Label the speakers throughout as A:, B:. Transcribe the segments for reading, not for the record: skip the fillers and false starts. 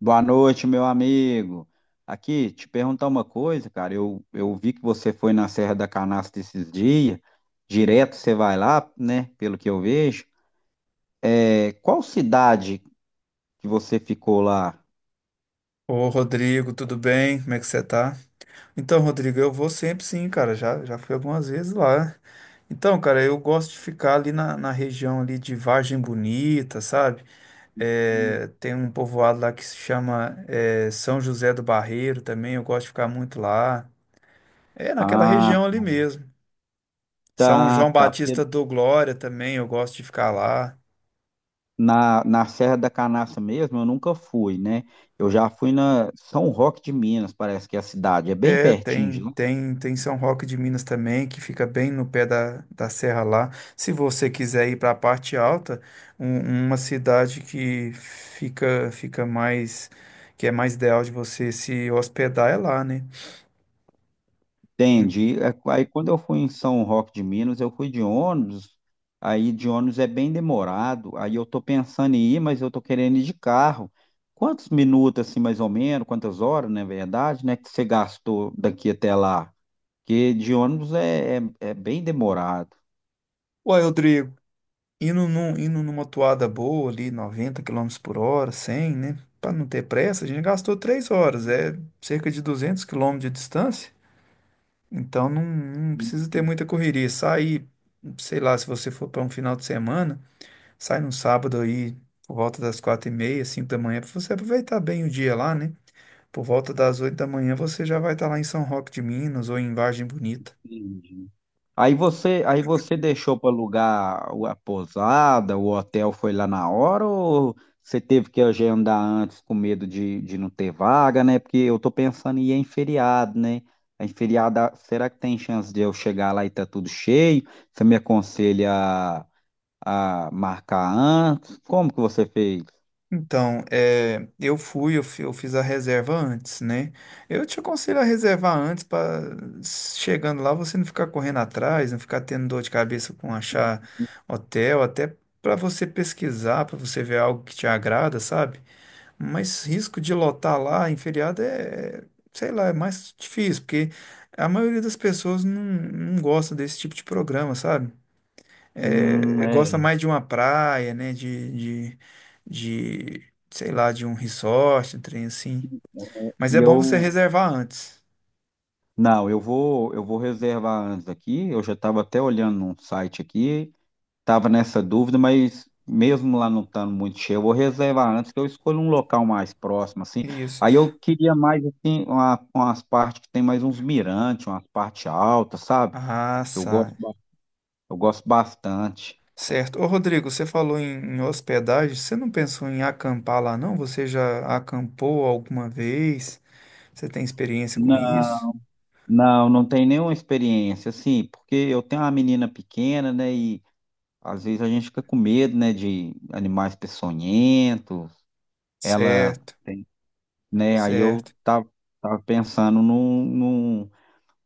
A: Boa noite, meu amigo. Aqui, te perguntar uma coisa, cara. Eu vi que você foi na Serra da Canastra esses dias. Direto você vai lá, né? Pelo que eu vejo. É, qual cidade que você ficou lá?
B: Ô, Rodrigo, tudo bem? Como é que você tá? Então, Rodrigo, eu vou sempre sim, cara. Já fui algumas vezes lá. Então, cara, eu gosto de ficar ali na região ali de Vargem Bonita, sabe? É, tem um povoado lá que se chama é, São José do Barreiro também. Eu gosto de ficar muito lá. É naquela
A: Ah,
B: região ali mesmo. São
A: tá,
B: João
A: tá. Porque
B: Batista do Glória também, eu gosto de ficar lá.
A: na Serra da Canastra mesmo eu nunca fui, né? Eu já fui na São Roque de Minas, parece que é a cidade. É bem
B: É,
A: pertinho
B: tem,
A: de lá.
B: tem, tem São Roque de Minas também, que fica bem no pé da serra lá. Se você quiser ir para a parte alta, uma cidade que fica, fica mais, que é mais ideal de você se hospedar é lá, né? Hum.
A: Entendi. É, aí quando eu fui em São Roque de Minas, eu fui de ônibus. Aí de ônibus é bem demorado. Aí eu tô pensando em ir, mas eu tô querendo ir de carro. Quantos minutos, assim, mais ou menos, quantas horas, na verdade, né, que você gastou daqui até lá? Porque de ônibus é bem demorado.
B: Uai, Rodrigo, indo numa toada boa ali, 90 km/h, 100 km/h, né? Para não ter pressa, a gente gastou 3 horas, é cerca de 200 km de distância. Então não precisa ter muita correria. Sai, sei lá, se você for para um final de semana, sai no sábado aí por volta das 4h30, 5 da manhã, para você aproveitar bem o dia lá, né? Por volta das 8 da manhã você já vai estar lá em São Roque de Minas ou em Vargem Bonita.
A: Entendi. Aí você deixou para alugar a pousada, o hotel foi lá na hora ou você teve que agendar antes com medo de não ter vaga, né? Porque eu tô pensando em ir em feriado, né? Em feriado, ah, será que tem chance de eu chegar lá e tá tudo cheio? Você me aconselha a marcar antes? Como que você fez?
B: Então, é, eu fui, eu, fi- eu fiz a reserva antes, né? Eu te aconselho a reservar antes para chegando lá você não ficar correndo atrás, não ficar tendo dor de cabeça com achar hotel, até para você pesquisar, para você ver algo que te agrada, sabe? Mas risco de lotar lá em feriado é, sei lá, é mais difícil, porque a maioria das pessoas não gosta desse tipo de programa, sabe? É, gosta
A: É.
B: mais de uma praia, né? Sei lá, de um resort, um trem assim. Mas
A: E
B: é bom você
A: eu,
B: reservar antes.
A: não, eu vou reservar antes aqui. Eu já estava até olhando num site aqui. Tava nessa dúvida, mas mesmo lá não estando muito cheio, eu vou reservar antes que eu escolho um local mais próximo, assim.
B: Isso.
A: Aí eu queria mais, assim, umas partes que tem mais uns mirantes, umas partes altas, sabe?
B: Ah,
A: Eu
B: sai.
A: gosto, eu gosto bastante.
B: Certo. Ô, Rodrigo, você falou em hospedagem. Você não pensou em acampar lá, não? Você já acampou alguma vez? Você tem experiência com isso?
A: Não, não, não tem nenhuma experiência, assim, porque eu tenho uma menina pequena, né, e às vezes a gente fica com medo, né, de animais peçonhentos, ela
B: Certo,
A: tem, né,
B: certo.
A: tava pensando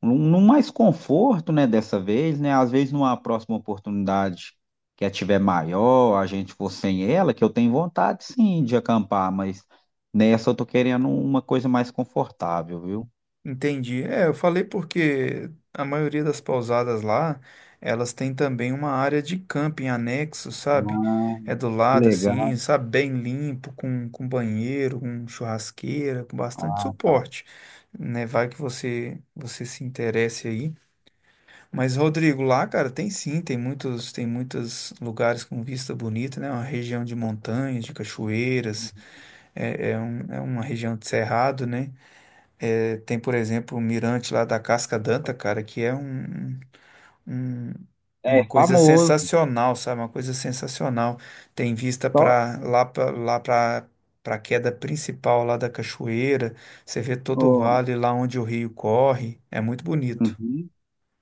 A: num mais conforto, né, dessa vez, né? Às vezes numa próxima oportunidade que a tiver maior, a gente for sem ela, que eu tenho vontade sim de acampar, mas nessa eu tô querendo uma coisa mais confortável, viu?
B: Entendi. É, eu falei porque a maioria das pousadas lá, elas têm também uma área de camping anexo, sabe? É do lado assim,
A: Legal.
B: sabe? Bem limpo, com banheiro, com churrasqueira, com bastante
A: Ah, tá.
B: suporte, né? Vai que você se interesse aí. Mas Rodrigo, lá, cara, tem sim, tem muitos lugares com vista bonita, né? Uma região de montanhas, de cachoeiras, é, é uma região de cerrado, né? É, tem, por exemplo, o mirante lá da Casca Danta, cara, que é um, um-
A: É
B: uma coisa
A: famoso.
B: sensacional, sabe? Uma coisa sensacional. Tem vista
A: Só.
B: para a queda principal lá da cachoeira. Você vê todo o
A: Ó,
B: vale lá onde o rio corre. É muito bonito.
A: uhum.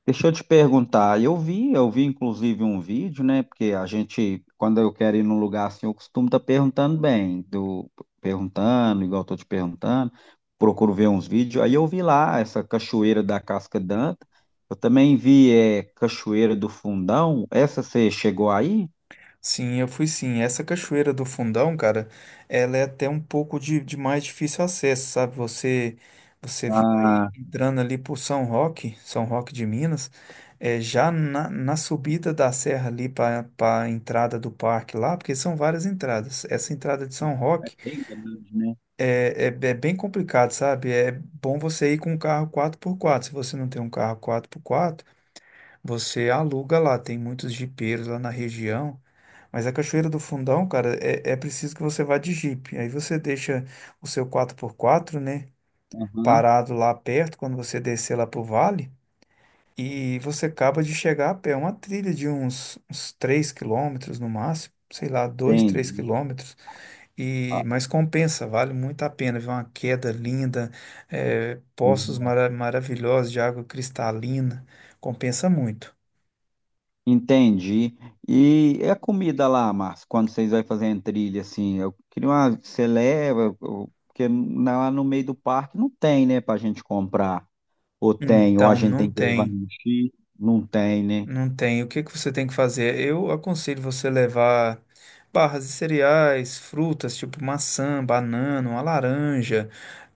A: Deixa eu te perguntar, eu vi inclusive um vídeo, né? Porque a gente, quando eu quero ir num lugar assim, eu costumo estar perguntando perguntando, igual eu tô te perguntando, procuro ver uns vídeos. Aí eu vi lá essa cachoeira da Casca Danta, eu também vi é, Cachoeira do Fundão, essa você chegou aí?
B: Sim, eu fui sim. Essa cachoeira do Fundão, cara, ela é até um pouco de mais difícil acesso, sabe? Você vai
A: Ah,
B: entrando ali por São Roque, São Roque de Minas, é, já na subida da serra ali para a entrada do parque lá, porque são várias entradas. Essa entrada de São
A: é
B: Roque
A: bem grande, né?
B: é bem complicado, sabe? É bom você ir com um carro quatro por quatro. Se você não tem um carro quatro por quatro você aluga lá, tem muitos jipeiros lá na região. Mas a Cachoeira do Fundão, cara, é preciso que você vá de Jeep. Aí você deixa o seu quatro por quatro, né,
A: Aham,
B: parado lá perto, quando você descer lá pro vale, e você acaba de chegar a pé. É uma trilha de uns 3 quilômetros no máximo, sei lá, dois, 3
A: entendi.
B: quilômetros. E,
A: Ah,
B: mas compensa, vale muito a pena. Viu? Uma queda linda, é, poços maravilhosos de água cristalina, compensa muito.
A: entendi. E é a comida lá, Márcio, quando vocês vão fazer a trilha, assim, eu queria uma, você leva, porque lá no meio do parque não tem, né, pra gente comprar. Ou tem, ou a
B: Então,
A: gente
B: não
A: tem que levar no
B: tem,
A: mochila, não tem, né?
B: não tem. O que que você tem que fazer? Eu aconselho você levar barras de cereais, frutas tipo maçã, banana, uma laranja,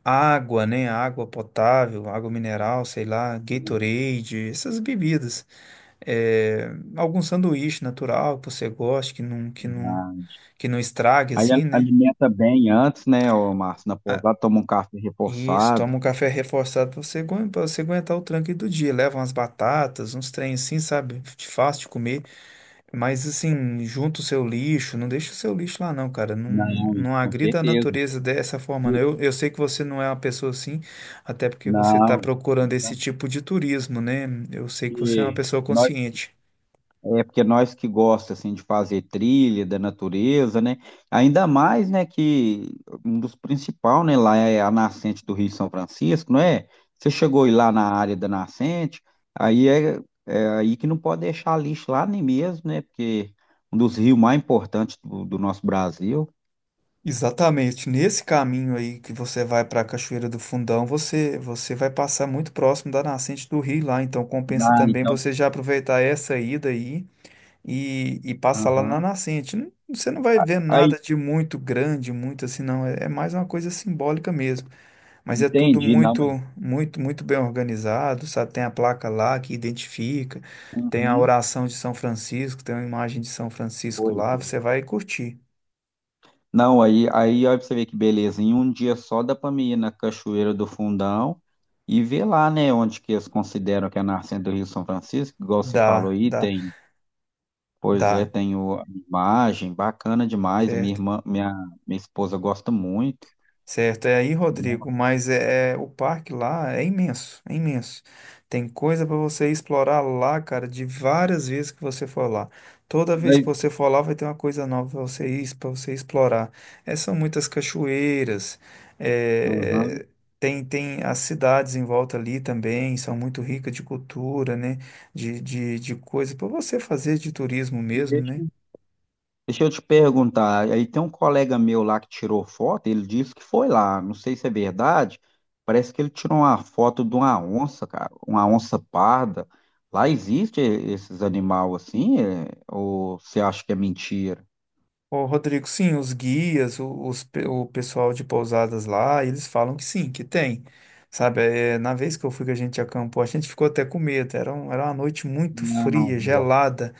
B: água, né? Água potável, água mineral, sei lá, Gatorade, essas bebidas. É, algum sanduíche natural que você goste,
A: Verdade.
B: que não estrague assim, né?
A: Alimenta bem antes, né, ô Márcio, na pousada, toma um café
B: Isso,
A: reforçado.
B: toma um café reforçado pra você, pra você aguentar o tranco aí do dia. Leva umas batatas, uns trem assim, sabe? De fácil de comer. Mas assim, junta o seu lixo, não deixa o seu lixo lá não, cara. Não,
A: Não,
B: não
A: com
B: agrida a
A: certeza.
B: natureza dessa forma, não.
A: E-
B: Eu sei que você não é uma pessoa assim, até porque você está
A: Não,
B: procurando esse
A: verdade.
B: tipo de turismo, né? Eu sei que você é uma
A: Porque
B: pessoa
A: nós
B: consciente.
A: É porque nós que gosta assim de fazer trilha da natureza, né? Ainda mais, né, que um dos principais, né, lá é a nascente do Rio São Francisco, não é? Você chegou aí lá na área da nascente, aí é, é aí que não pode deixar lixo lá nem mesmo, né? Porque um dos rios mais importantes do nosso Brasil.
B: Exatamente. Nesse caminho aí que você vai para a Cachoeira do Fundão, você vai passar muito próximo da nascente do rio lá, então compensa
A: Ah,
B: também
A: então,
B: você já aproveitar essa ida aí e passar lá na
A: aham.
B: nascente. Não- Você não vai ver
A: Aí,
B: nada de muito grande, muito assim, não. É, é mais uma coisa simbólica mesmo. Mas é tudo
A: entendi, não,
B: muito,
A: mas
B: muito, muito bem organizado, sabe? Tem a placa lá que identifica, tem a
A: uhum,
B: oração de São Francisco, tem uma imagem de São Francisco
A: pois
B: lá, você
A: é.
B: vai curtir.
A: Não, aí olha pra você ver que beleza. Em um dia só dá pra mim ir na Cachoeira do Fundão e ver lá, né, onde que eles consideram que é a nascente do Rio São Francisco, igual você falou
B: Dá,
A: aí,
B: dá.
A: tem, pois é,
B: Dá.
A: tem a imagem, bacana demais.
B: Certo,
A: Minha esposa gosta muito.
B: certo. É aí, Rodrigo,
A: Nossa,
B: mas é- o parque lá é imenso, é imenso. Tem coisa para você explorar lá, cara, de várias vezes que você for lá. Toda vez que
A: mas-
B: você for lá, vai ter uma coisa nova para você ir, para você explorar. É, são muitas cachoeiras,
A: aham.
B: é, tem as cidades em volta ali também, são muito ricas de cultura, né? De coisa para você fazer de turismo mesmo, né?
A: Deixa eu te perguntar, aí tem um colega meu lá que tirou foto, ele disse que foi lá, não sei se é verdade, parece que ele tirou uma foto de uma onça, cara, uma onça parda. Lá existe esses animais assim, é? Ou você acha que é mentira?
B: Ô, Rodrigo, sim, os guias, o pessoal de pousadas lá, eles falam que sim, que tem. Sabe, é, na vez que eu fui que a gente acampou, a gente ficou até com medo. Era uma noite muito
A: Não,
B: fria,
A: boa.
B: gelada.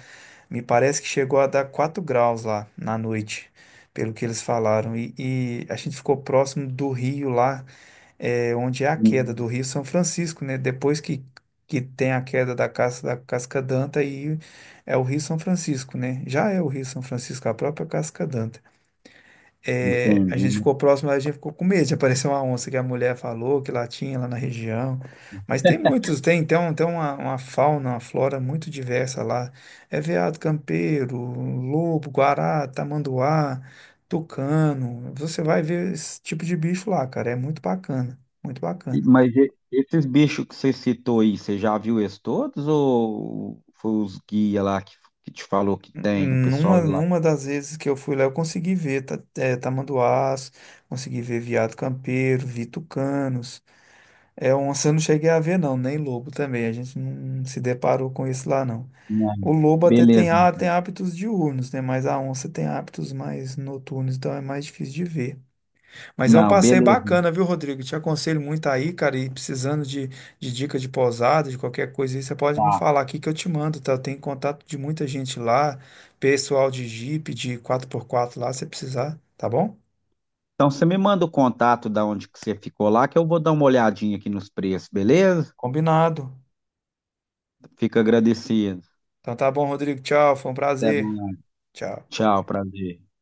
B: Me parece que chegou a dar 4 graus lá na noite, pelo que eles falaram. E a gente ficou próximo do rio lá, é, onde é a queda
A: Hum,
B: do Rio São Francisco, né? Que tem a queda da Casca d'Anta, aí é o Rio São Francisco, né? Já é o Rio São Francisco, a própria Casca d'Anta. É, a
A: entendi.
B: gente ficou próximo, mas a gente ficou com medo de aparecer uma onça que a mulher falou que lá tinha, lá na região. Mas tem muitos, tem uma fauna, uma flora muito diversa lá. É veado campeiro, lobo, guará, tamanduá, tucano. Você vai ver esse tipo de bicho lá, cara. É muito bacana, muito bacana.
A: Mas esses bichos que você citou aí, você já viu eles todos ou foi os guia lá que te falou que tem, o pessoal lá?
B: Numa das vezes que eu fui lá, eu consegui ver tamanduás, consegui ver veado campeiro, vi tucanos. É onça eu não cheguei a ver, não, nem lobo também. A gente não se deparou com isso lá, não. O
A: Não,
B: lobo até
A: beleza.
B: tem hábitos diurnos, né? Mas a onça tem hábitos mais noturnos, então é mais difícil de ver. Mas é um
A: Não,
B: passeio
A: beleza.
B: bacana, viu, Rodrigo? Te aconselho muito aí, cara, e precisando de dica de pousada, de qualquer coisa aí, você pode me falar aqui que eu te mando, tá? Eu tenho contato de muita gente lá, pessoal de Jeep, de quatro por quatro lá, se precisar, tá bom?
A: Então você me manda o contato da onde que você ficou lá, que eu vou dar uma olhadinha aqui nos preços, beleza?
B: Combinado.
A: Fico agradecido.
B: Então tá bom, Rodrigo. Tchau, foi um
A: Até
B: prazer.
A: mais.
B: Tchau.
A: Tchau, prazer.